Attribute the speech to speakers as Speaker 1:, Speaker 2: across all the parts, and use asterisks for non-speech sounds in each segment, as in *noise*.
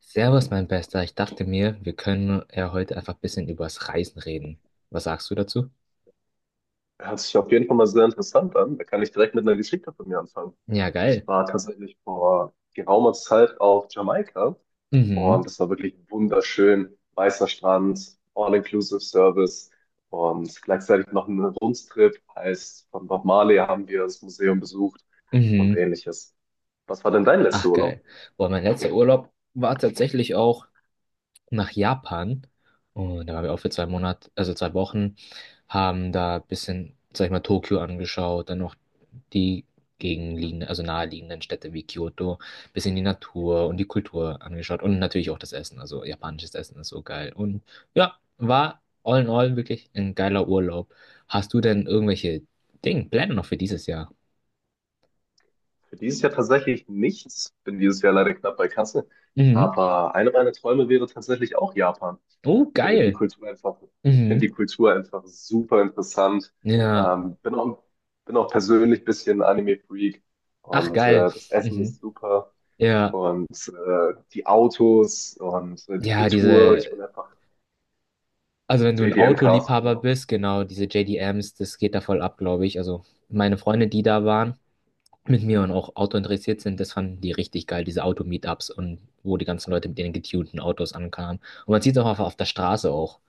Speaker 1: Servus, mein Bester. Ich dachte mir, wir können ja heute einfach ein bisschen über das Reisen reden. Was sagst du dazu?
Speaker 2: Hört sich auf jeden Fall mal sehr interessant an. Da kann ich direkt mit einer Geschichte von mir anfangen.
Speaker 1: Ja,
Speaker 2: Ich
Speaker 1: geil.
Speaker 2: war tatsächlich vor geraumer Zeit auf Jamaika und
Speaker 1: Mhm.
Speaker 2: das war wirklich wunderschön. Weißer Strand, All-Inclusive Service und gleichzeitig noch ein Rundstrip. Heißt, von Bob Marley haben wir das Museum besucht und
Speaker 1: Mhm.
Speaker 2: ähnliches. Was war denn dein letzter
Speaker 1: Ach,
Speaker 2: Urlaub?
Speaker 1: geil. Boah, mein letzter Urlaub war tatsächlich auch nach Japan, und da waren wir auch für 2 Monate, also 2 Wochen, haben da ein bisschen, sag ich mal, Tokio angeschaut, dann noch die gegenliegenden, also naheliegenden Städte wie Kyoto, bisschen die Natur und die Kultur angeschaut und natürlich auch das Essen. Also japanisches Essen ist so geil. Und ja, war all in all wirklich ein geiler Urlaub. Hast du denn irgendwelche Pläne noch für dieses Jahr?
Speaker 2: Für dieses Jahr tatsächlich nichts. Bin dieses Jahr leider knapp bei Kasse.
Speaker 1: Mhm.
Speaker 2: Aber eine meiner Träume wäre tatsächlich auch Japan.
Speaker 1: Oh, geil.
Speaker 2: Ich finde
Speaker 1: Mhm.
Speaker 2: die Kultur einfach super interessant.
Speaker 1: Ja.
Speaker 2: Ähm, bin auch, bin auch persönlich ein bisschen Anime-Freak
Speaker 1: Ach,
Speaker 2: und
Speaker 1: geil.
Speaker 2: das Essen ist
Speaker 1: Mhm.
Speaker 2: super
Speaker 1: Ja.
Speaker 2: und die Autos und die
Speaker 1: Ja,
Speaker 2: Kultur. Ich
Speaker 1: diese
Speaker 2: bin einfach
Speaker 1: also wenn du ein
Speaker 2: JDM-Cast,
Speaker 1: Autoliebhaber
Speaker 2: genau.
Speaker 1: bist, genau, diese JDMs, das geht da voll ab, glaube ich. Also meine Freunde, die da waren, mit mir und auch Auto interessiert sind, das fanden die richtig geil, diese Auto-Meetups und wo die ganzen Leute mit ihren getunten Autos ankamen. Und man sieht es auch auf der Straße auch.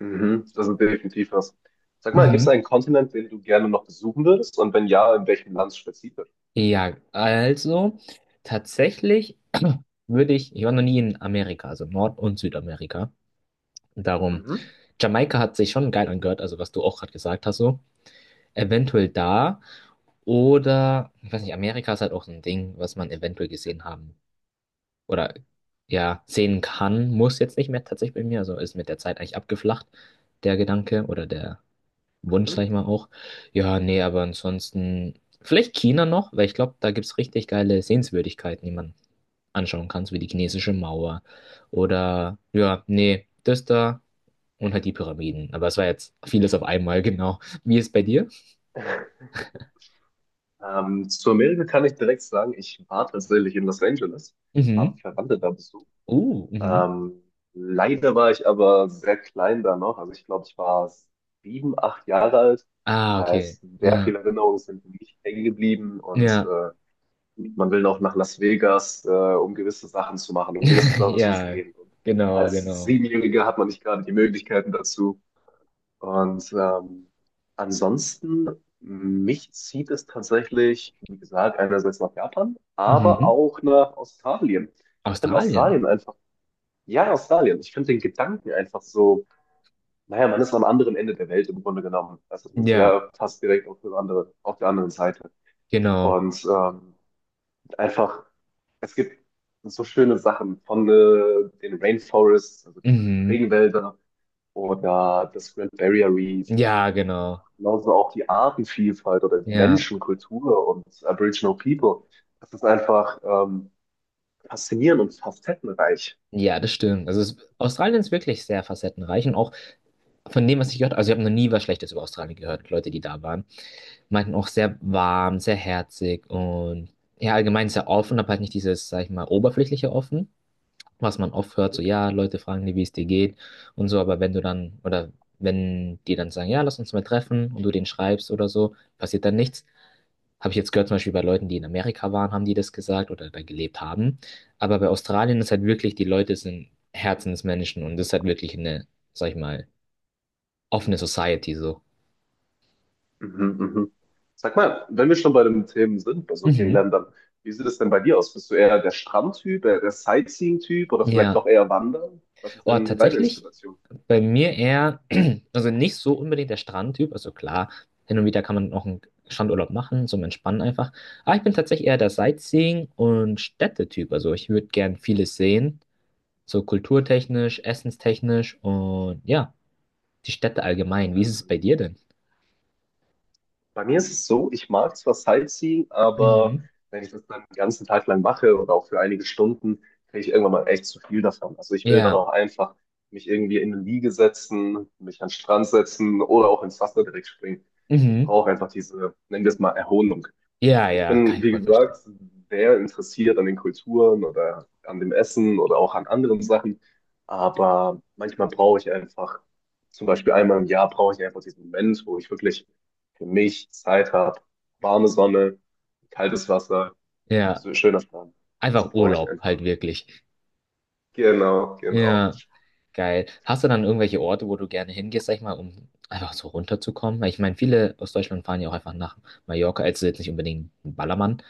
Speaker 2: Mhm, das ist definitiv was. Sag mal, gibt es
Speaker 1: Mhm.
Speaker 2: einen Kontinent, den du gerne noch besuchen würdest? Und wenn ja, in welchem Land spezifisch?
Speaker 1: Ja, also tatsächlich *clears throat* ich war noch nie in Amerika, also Nord- und Südamerika. Darum,
Speaker 2: Mhm.
Speaker 1: Jamaika hat sich schon geil angehört, also was du auch gerade gesagt hast, so. Eventuell da. Oder, ich weiß nicht, Amerika ist halt auch so ein Ding, was man eventuell gesehen haben oder ja, sehen kann, muss jetzt nicht mehr tatsächlich bei mir. Also ist mit der Zeit eigentlich abgeflacht, der Gedanke oder der Wunsch, sag
Speaker 2: Mhm.
Speaker 1: ich mal auch. Ja, nee, aber ansonsten vielleicht China noch, weil ich glaube, da gibt es richtig geile Sehenswürdigkeiten, die man anschauen kann, so wie die chinesische Mauer oder ja, nee, das da und halt die Pyramiden. Aber es war jetzt vieles auf einmal, *laughs* genau. Wie ist es bei dir?
Speaker 2: Zu Amerika kann ich direkt sagen, ich war tatsächlich in Los Angeles, habe
Speaker 1: Mhm.
Speaker 2: Verwandte da besucht.
Speaker 1: Mhm.
Speaker 2: Ähm, Leider war ich aber sehr klein da noch. Also ich glaube, ich war 7, 8 Jahre alt.
Speaker 1: Ah, okay.
Speaker 2: Heißt, sehr
Speaker 1: Ja,
Speaker 2: viele Erinnerungen sind für mich hängen geblieben und
Speaker 1: ja,
Speaker 2: man will noch nach Las Vegas, um gewisse Sachen zu machen, um gewisse
Speaker 1: *laughs*
Speaker 2: Sachen zu
Speaker 1: ja,
Speaker 2: sehen. Und
Speaker 1: genau,
Speaker 2: als
Speaker 1: genau.
Speaker 2: Siebenjähriger hat man nicht gerade die Möglichkeiten dazu. Und ansonsten, mich zieht es tatsächlich, wie gesagt, einerseits nach Japan, aber
Speaker 1: Mhm.
Speaker 2: auch nach Australien. Ich finde
Speaker 1: Australien.
Speaker 2: Australien einfach, ja, Australien, ich finde den Gedanken einfach so, naja, man ist am anderen Ende der Welt im Grunde genommen. Also das ist
Speaker 1: Ja,
Speaker 2: ja fast direkt auf der anderen Seite.
Speaker 1: genau.
Speaker 2: Und einfach, es gibt so schöne Sachen von den Rainforests, also diese
Speaker 1: Mhm.
Speaker 2: Regenwälder oder das Grand Barrier Reef.
Speaker 1: Ja, genau.
Speaker 2: Genauso auch die Artenvielfalt oder die
Speaker 1: Ja,
Speaker 2: Menschenkultur und Aboriginal People. Das ist einfach faszinierend und facettenreich.
Speaker 1: ja, das stimmt. Also Australien ist wirklich sehr facettenreich und auch von dem, was ich gehört habe, also ich habe noch nie was Schlechtes über Australien gehört. Leute, die da waren, meinten auch sehr warm, sehr herzig und ja, allgemein sehr offen, aber halt nicht dieses, sag ich mal, oberflächliche offen. Was man oft hört, so
Speaker 2: Mhm,
Speaker 1: ja, Leute fragen dir, wie es dir geht und so, aber wenn du dann, oder wenn die dann sagen, ja, lass uns mal treffen und du denen schreibst oder so, passiert dann nichts. Habe ich jetzt gehört, zum Beispiel bei Leuten, die in Amerika waren, haben die das gesagt oder da gelebt haben. Aber bei Australien ist halt wirklich, die Leute sind Herzensmenschen und das ist halt wirklich eine, sag ich mal, offene Society so.
Speaker 2: mhm. Sag mal, wenn wir schon bei den Themen sind, bei so vielen
Speaker 1: Mhm.
Speaker 2: Ländern, wie sieht es denn bei dir aus? Bist du eher der Strandtyp, eher der Sightseeing-Typ oder vielleicht
Speaker 1: Ja.
Speaker 2: auch eher Wandern? Was ist
Speaker 1: Oh,
Speaker 2: denn deine
Speaker 1: tatsächlich.
Speaker 2: Inspiration?
Speaker 1: Bei mir eher, *clears throat* also nicht so unbedingt der Strandtyp. Also klar, hin und wieder kann man noch einen Strandurlaub machen, zum Entspannen einfach. Aber ich bin tatsächlich eher der Sightseeing- und Städtetyp. Also ich würde gern vieles sehen, so kulturtechnisch, essenstechnisch und ja, die Städte allgemein. Wie ist es bei dir denn?
Speaker 2: Bei mir ist es so, ich mag zwar Sightseeing, aber
Speaker 1: Mhm.
Speaker 2: wenn ich das dann den ganzen Tag lang mache oder auch für einige Stunden, kriege ich irgendwann mal echt zu viel davon. Also ich will dann
Speaker 1: Ja.
Speaker 2: auch einfach mich irgendwie in eine Liege setzen, mich an den Strand setzen oder auch ins Wasser direkt springen. Ich
Speaker 1: Mhm.
Speaker 2: brauche einfach diese, nennen wir es mal, Erholung.
Speaker 1: Ja,
Speaker 2: Ich
Speaker 1: ja, kann
Speaker 2: bin,
Speaker 1: ich
Speaker 2: wie
Speaker 1: voll verstehen.
Speaker 2: gesagt, sehr interessiert an den Kulturen oder an dem Essen oder auch an anderen Sachen. Aber manchmal brauche ich einfach, zum Beispiel einmal im Jahr brauche ich einfach diesen Moment, wo ich wirklich für mich Zeit habe. Warme Sonne, kaltes Wasser,
Speaker 1: Ja,
Speaker 2: so schöner Strand. Das
Speaker 1: einfach
Speaker 2: brauche ich
Speaker 1: Urlaub
Speaker 2: einfach.
Speaker 1: halt wirklich.
Speaker 2: Genau, genau.
Speaker 1: Ja. Geil. Hast du dann irgendwelche Orte, wo du gerne hingehst, sag ich mal, um einfach so runterzukommen? Weil ich meine, viele aus Deutschland fahren ja auch einfach nach Mallorca, also jetzt nicht unbedingt ein Ballermann,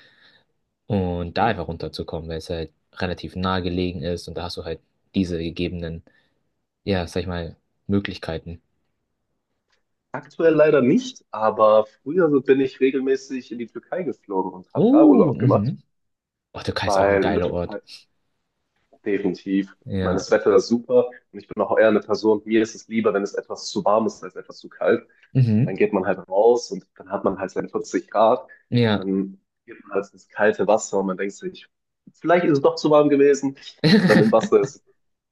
Speaker 1: und da
Speaker 2: Mhm.
Speaker 1: einfach runterzukommen, weil es halt relativ nahe gelegen ist und da hast du halt diese gegebenen, ja, sag ich mal, Möglichkeiten.
Speaker 2: Aktuell leider nicht, aber früher so bin ich regelmäßig in die Türkei geflogen und habe da
Speaker 1: Oh,
Speaker 2: Urlaub gemacht,
Speaker 1: mhm. Portugal ist auch ein
Speaker 2: weil in der
Speaker 1: geiler Ort.
Speaker 2: Türkei. Definitiv. Ich meine,
Speaker 1: Ja.
Speaker 2: das Wetter ist super und ich bin auch eher eine Person, mir ist es lieber, wenn es etwas zu warm ist, als etwas zu kalt. Und dann
Speaker 1: Mhm.
Speaker 2: geht man halt raus und dann hat man halt seine 40 Grad und
Speaker 1: Ja.
Speaker 2: dann geht man halt ins kalte Wasser und man denkt sich, vielleicht ist es doch zu warm gewesen und dann im Wasser
Speaker 1: *laughs*
Speaker 2: ist es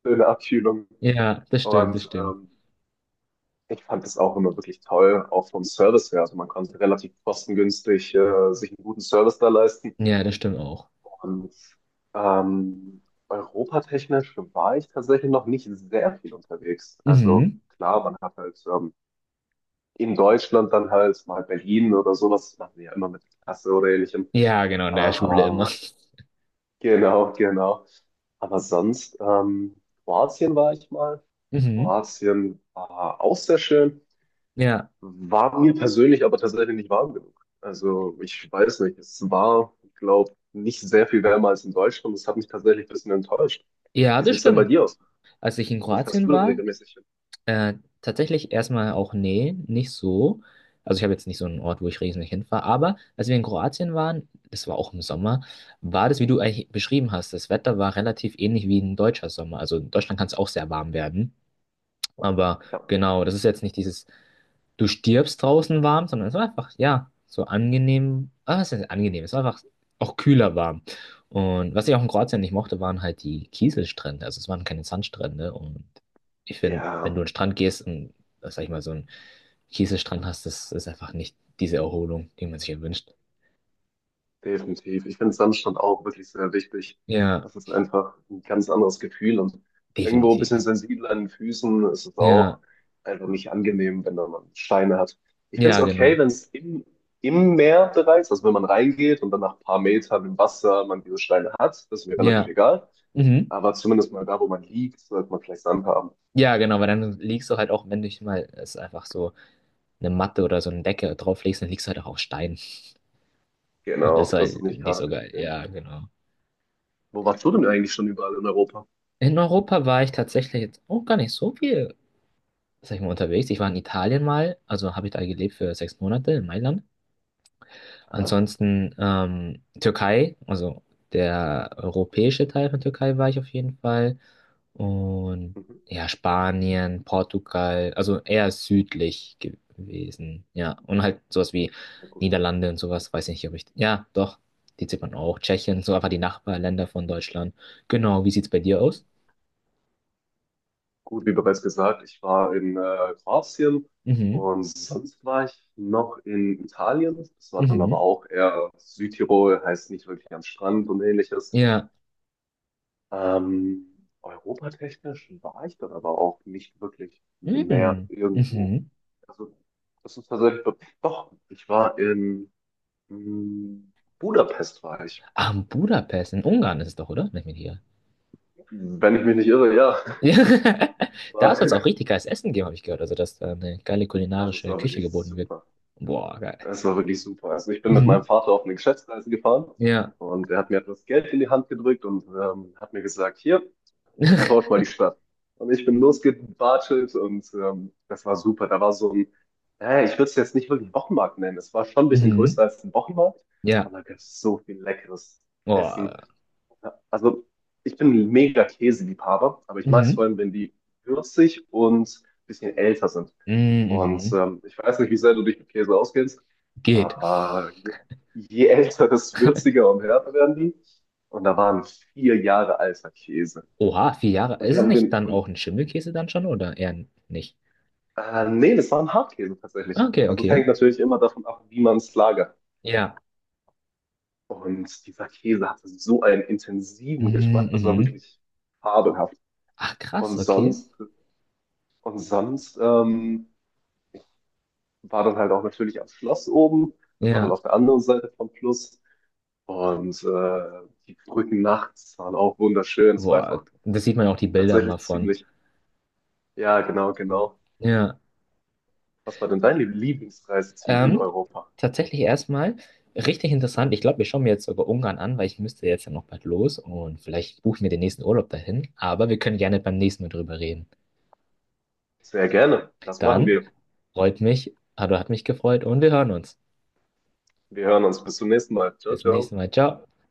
Speaker 2: eine schöne Abkühlung.
Speaker 1: Ja, das stimmt, das
Speaker 2: Und
Speaker 1: stimmt.
Speaker 2: ich fand das auch immer wirklich toll, auch vom Service her. Also man konnte relativ kostengünstig sich einen guten Service da leisten.
Speaker 1: Ja, das stimmt auch.
Speaker 2: Und ähm, europatechnisch war ich tatsächlich noch nicht sehr viel unterwegs. Also
Speaker 1: Mhm.
Speaker 2: klar, man hat halt in Deutschland dann halt mal Berlin oder so, das machen wir ja immer mit der Klasse oder ähnlichem.
Speaker 1: Ja, genau, in der Schule immer.
Speaker 2: Aber genau, genau. Aber sonst, Kroatien war ich mal.
Speaker 1: Mhm.
Speaker 2: Kroatien war auch sehr schön,
Speaker 1: Ja.
Speaker 2: war mir persönlich aber tatsächlich nicht warm genug. Also ich weiß nicht, es war, glaube ich, nicht sehr viel wärmer als in Deutschland. Das hat mich tatsächlich ein bisschen enttäuscht.
Speaker 1: Ja,
Speaker 2: Wie sieht
Speaker 1: das
Speaker 2: es denn bei
Speaker 1: stimmt.
Speaker 2: dir aus?
Speaker 1: Als ich in
Speaker 2: Wo fährst
Speaker 1: Kroatien
Speaker 2: du denn
Speaker 1: war,
Speaker 2: regelmäßig hin?
Speaker 1: äh, tatsächlich erstmal auch, nee, nicht so. Also ich habe jetzt nicht so einen Ort, wo ich riesig hinfahre, aber als wir in Kroatien waren, das war auch im Sommer, war das, wie du eigentlich beschrieben hast, das Wetter war relativ ähnlich wie ein deutscher Sommer. Also in Deutschland kann es auch sehr warm werden. Aber
Speaker 2: Ja,
Speaker 1: genau, das ist jetzt nicht dieses, du stirbst draußen warm, sondern es war einfach, ja, so angenehm, ah, es ist angenehm, es war einfach auch kühler warm. Und was ich auch in Kroatien nicht mochte, waren halt die Kieselstrände. Also es waren keine Sandstrände. Und ich finde, wenn
Speaker 2: ja,
Speaker 1: du in den Strand gehst und, sag ich mal, so einen Kieselstrand hast, das ist einfach nicht diese Erholung, die man sich erwünscht.
Speaker 2: definitiv. Ich finde Sandstrand auch wirklich sehr wichtig.
Speaker 1: Ja,
Speaker 2: Das ist einfach ein ganz anderes Gefühl und irgendwo ein bisschen
Speaker 1: definitiv.
Speaker 2: sensibel an den Füßen ist es
Speaker 1: Ja,
Speaker 2: auch einfach nicht angenehm, wenn da man Steine hat. Ich finde es
Speaker 1: ja, genau.
Speaker 2: okay, wenn es im Meer bereits, also wenn man reingeht und dann nach ein paar Metern im Wasser man diese Steine hat, das ist mir relativ
Speaker 1: Ja,
Speaker 2: egal.
Speaker 1: mhm.
Speaker 2: Aber zumindest mal da, wo man liegt, sollte man vielleicht Sand haben.
Speaker 1: Ja, genau, weil dann liegst du halt auch, wenn dich mal, es ist einfach so, eine Matte oder so eine Decke drauflegst, dann liegst du halt auch auf Stein. Und das ist
Speaker 2: Genau, das ist
Speaker 1: halt
Speaker 2: nicht
Speaker 1: nicht
Speaker 2: gerade
Speaker 1: so geil.
Speaker 2: bequem.
Speaker 1: Ja, genau.
Speaker 2: Wo warst du denn eigentlich schon überall in Europa?
Speaker 1: In Europa war ich tatsächlich jetzt auch gar nicht so viel, sag ich mal, unterwegs. Ich war in Italien mal, also habe ich da gelebt für 6 Monate in Mailand.
Speaker 2: Aha.
Speaker 1: Ansonsten Türkei, also der europäische Teil von Türkei war ich auf jeden Fall. Und
Speaker 2: Mhm.
Speaker 1: ja, Spanien, Portugal, also eher südlich gewesen. Ja, und halt sowas wie
Speaker 2: Ja, gut.
Speaker 1: Niederlande und sowas, weiß nicht, ob ich. Ja, doch, die zählt man auch. Tschechien, so einfach die Nachbarländer von Deutschland. Genau, wie sieht's bei dir
Speaker 2: Mhm.
Speaker 1: aus?
Speaker 2: Gut, wie bereits gesagt, ich war in Kroatien
Speaker 1: Mhm,
Speaker 2: und sonst war ich noch in Italien. Das war dann aber
Speaker 1: mhm,
Speaker 2: auch eher Südtirol, heißt nicht wirklich am Strand und ähnliches.
Speaker 1: ja,
Speaker 2: Europatechnisch war ich dann aber auch nicht wirklich mehr
Speaker 1: mhm,
Speaker 2: irgendwo.
Speaker 1: mhm.
Speaker 2: Also, das ist tatsächlich so. Doch, ich war in mm, Budapest, war ich.
Speaker 1: Ah, in Budapest, in Ungarn ist es doch, oder? Nicht mit hier.
Speaker 2: Wenn ich mich nicht irre, ja.
Speaker 1: *laughs*
Speaker 2: *laughs*
Speaker 1: Ja, da soll es auch
Speaker 2: War-
Speaker 1: richtig geiles Essen geben, habe ich gehört. Also, dass da eine geile
Speaker 2: Also, es
Speaker 1: kulinarische
Speaker 2: war
Speaker 1: Küche
Speaker 2: wirklich
Speaker 1: geboten wird.
Speaker 2: super.
Speaker 1: Boah, geil.
Speaker 2: Es war wirklich super. Also ich bin mit meinem
Speaker 1: Mhm,
Speaker 2: Vater auf eine Geschäftsreise gefahren
Speaker 1: ja.
Speaker 2: und er hat mir etwas Geld in die Hand gedrückt und hat mir gesagt, hier,
Speaker 1: *laughs*
Speaker 2: erforscht mal die Stadt. Und ich bin losgebartelt und das war super. Da war so ein, ich würde es jetzt nicht wirklich Wochenmarkt nennen. Es war schon ein bisschen
Speaker 1: Mhm.
Speaker 2: größer als ein Wochenmarkt,
Speaker 1: Ja.
Speaker 2: aber da gab es so viel leckeres
Speaker 1: Boah.
Speaker 2: Essen. Ja, also ich bin ein mega Käseliebhaber, aber ich mag es vor
Speaker 1: Mhm.
Speaker 2: allem, wenn die würzig und ein bisschen älter sind.
Speaker 1: Mhm.
Speaker 2: Und
Speaker 1: Mhm.
Speaker 2: ich weiß nicht, wie sehr du dich mit Käse auskennst,
Speaker 1: Geht.
Speaker 2: aber je älter, desto würziger und härter werden die. Und da waren 4 Jahre alter Käse.
Speaker 1: Oha, 4 Jahre.
Speaker 2: Und
Speaker 1: Ist
Speaker 2: die
Speaker 1: es
Speaker 2: haben
Speaker 1: nicht
Speaker 2: den,
Speaker 1: dann
Speaker 2: und
Speaker 1: auch ein Schimmelkäse dann schon oder eher nicht?
Speaker 2: nee, das waren Hartkäse
Speaker 1: Ah,
Speaker 2: tatsächlich.
Speaker 1: okay,
Speaker 2: Also es
Speaker 1: okay.
Speaker 2: hängt natürlich immer davon ab, wie man es lagert.
Speaker 1: Ja.
Speaker 2: Und dieser Käse hatte so einen intensiven
Speaker 1: Mhm.
Speaker 2: Geschmack, das war
Speaker 1: Mhm.
Speaker 2: wirklich fabelhaft.
Speaker 1: Ach, krass,
Speaker 2: Und
Speaker 1: okay.
Speaker 2: sonst, und sonst, war dann halt auch natürlich am Schloss oben. Das war dann
Speaker 1: Ja.
Speaker 2: auf der anderen Seite vom Fluss. Und die Brücken nachts waren auch wunderschön. Es war
Speaker 1: Boah,
Speaker 2: einfach
Speaker 1: das sieht man auch die Bilder mal
Speaker 2: tatsächlich
Speaker 1: von.
Speaker 2: ziemlich. Ja, genau, genau.
Speaker 1: Ja.
Speaker 2: Was war denn dein Lieblingsreiseziel in
Speaker 1: Ähm,
Speaker 2: Europa?
Speaker 1: tatsächlich erstmal richtig interessant. Ich glaube, wir schauen mir jetzt sogar Ungarn an, weil ich müsste jetzt ja noch bald los und vielleicht buchen wir den nächsten Urlaub dahin. Aber wir können gerne beim nächsten Mal drüber reden.
Speaker 2: Sehr gerne. Das machen
Speaker 1: Dann
Speaker 2: wir.
Speaker 1: freut mich, also hat mich gefreut und wir hören uns.
Speaker 2: Wir hören uns. Bis zum nächsten Mal. Ciao,
Speaker 1: Bis zum nächsten
Speaker 2: ciao.
Speaker 1: Mal. Ciao.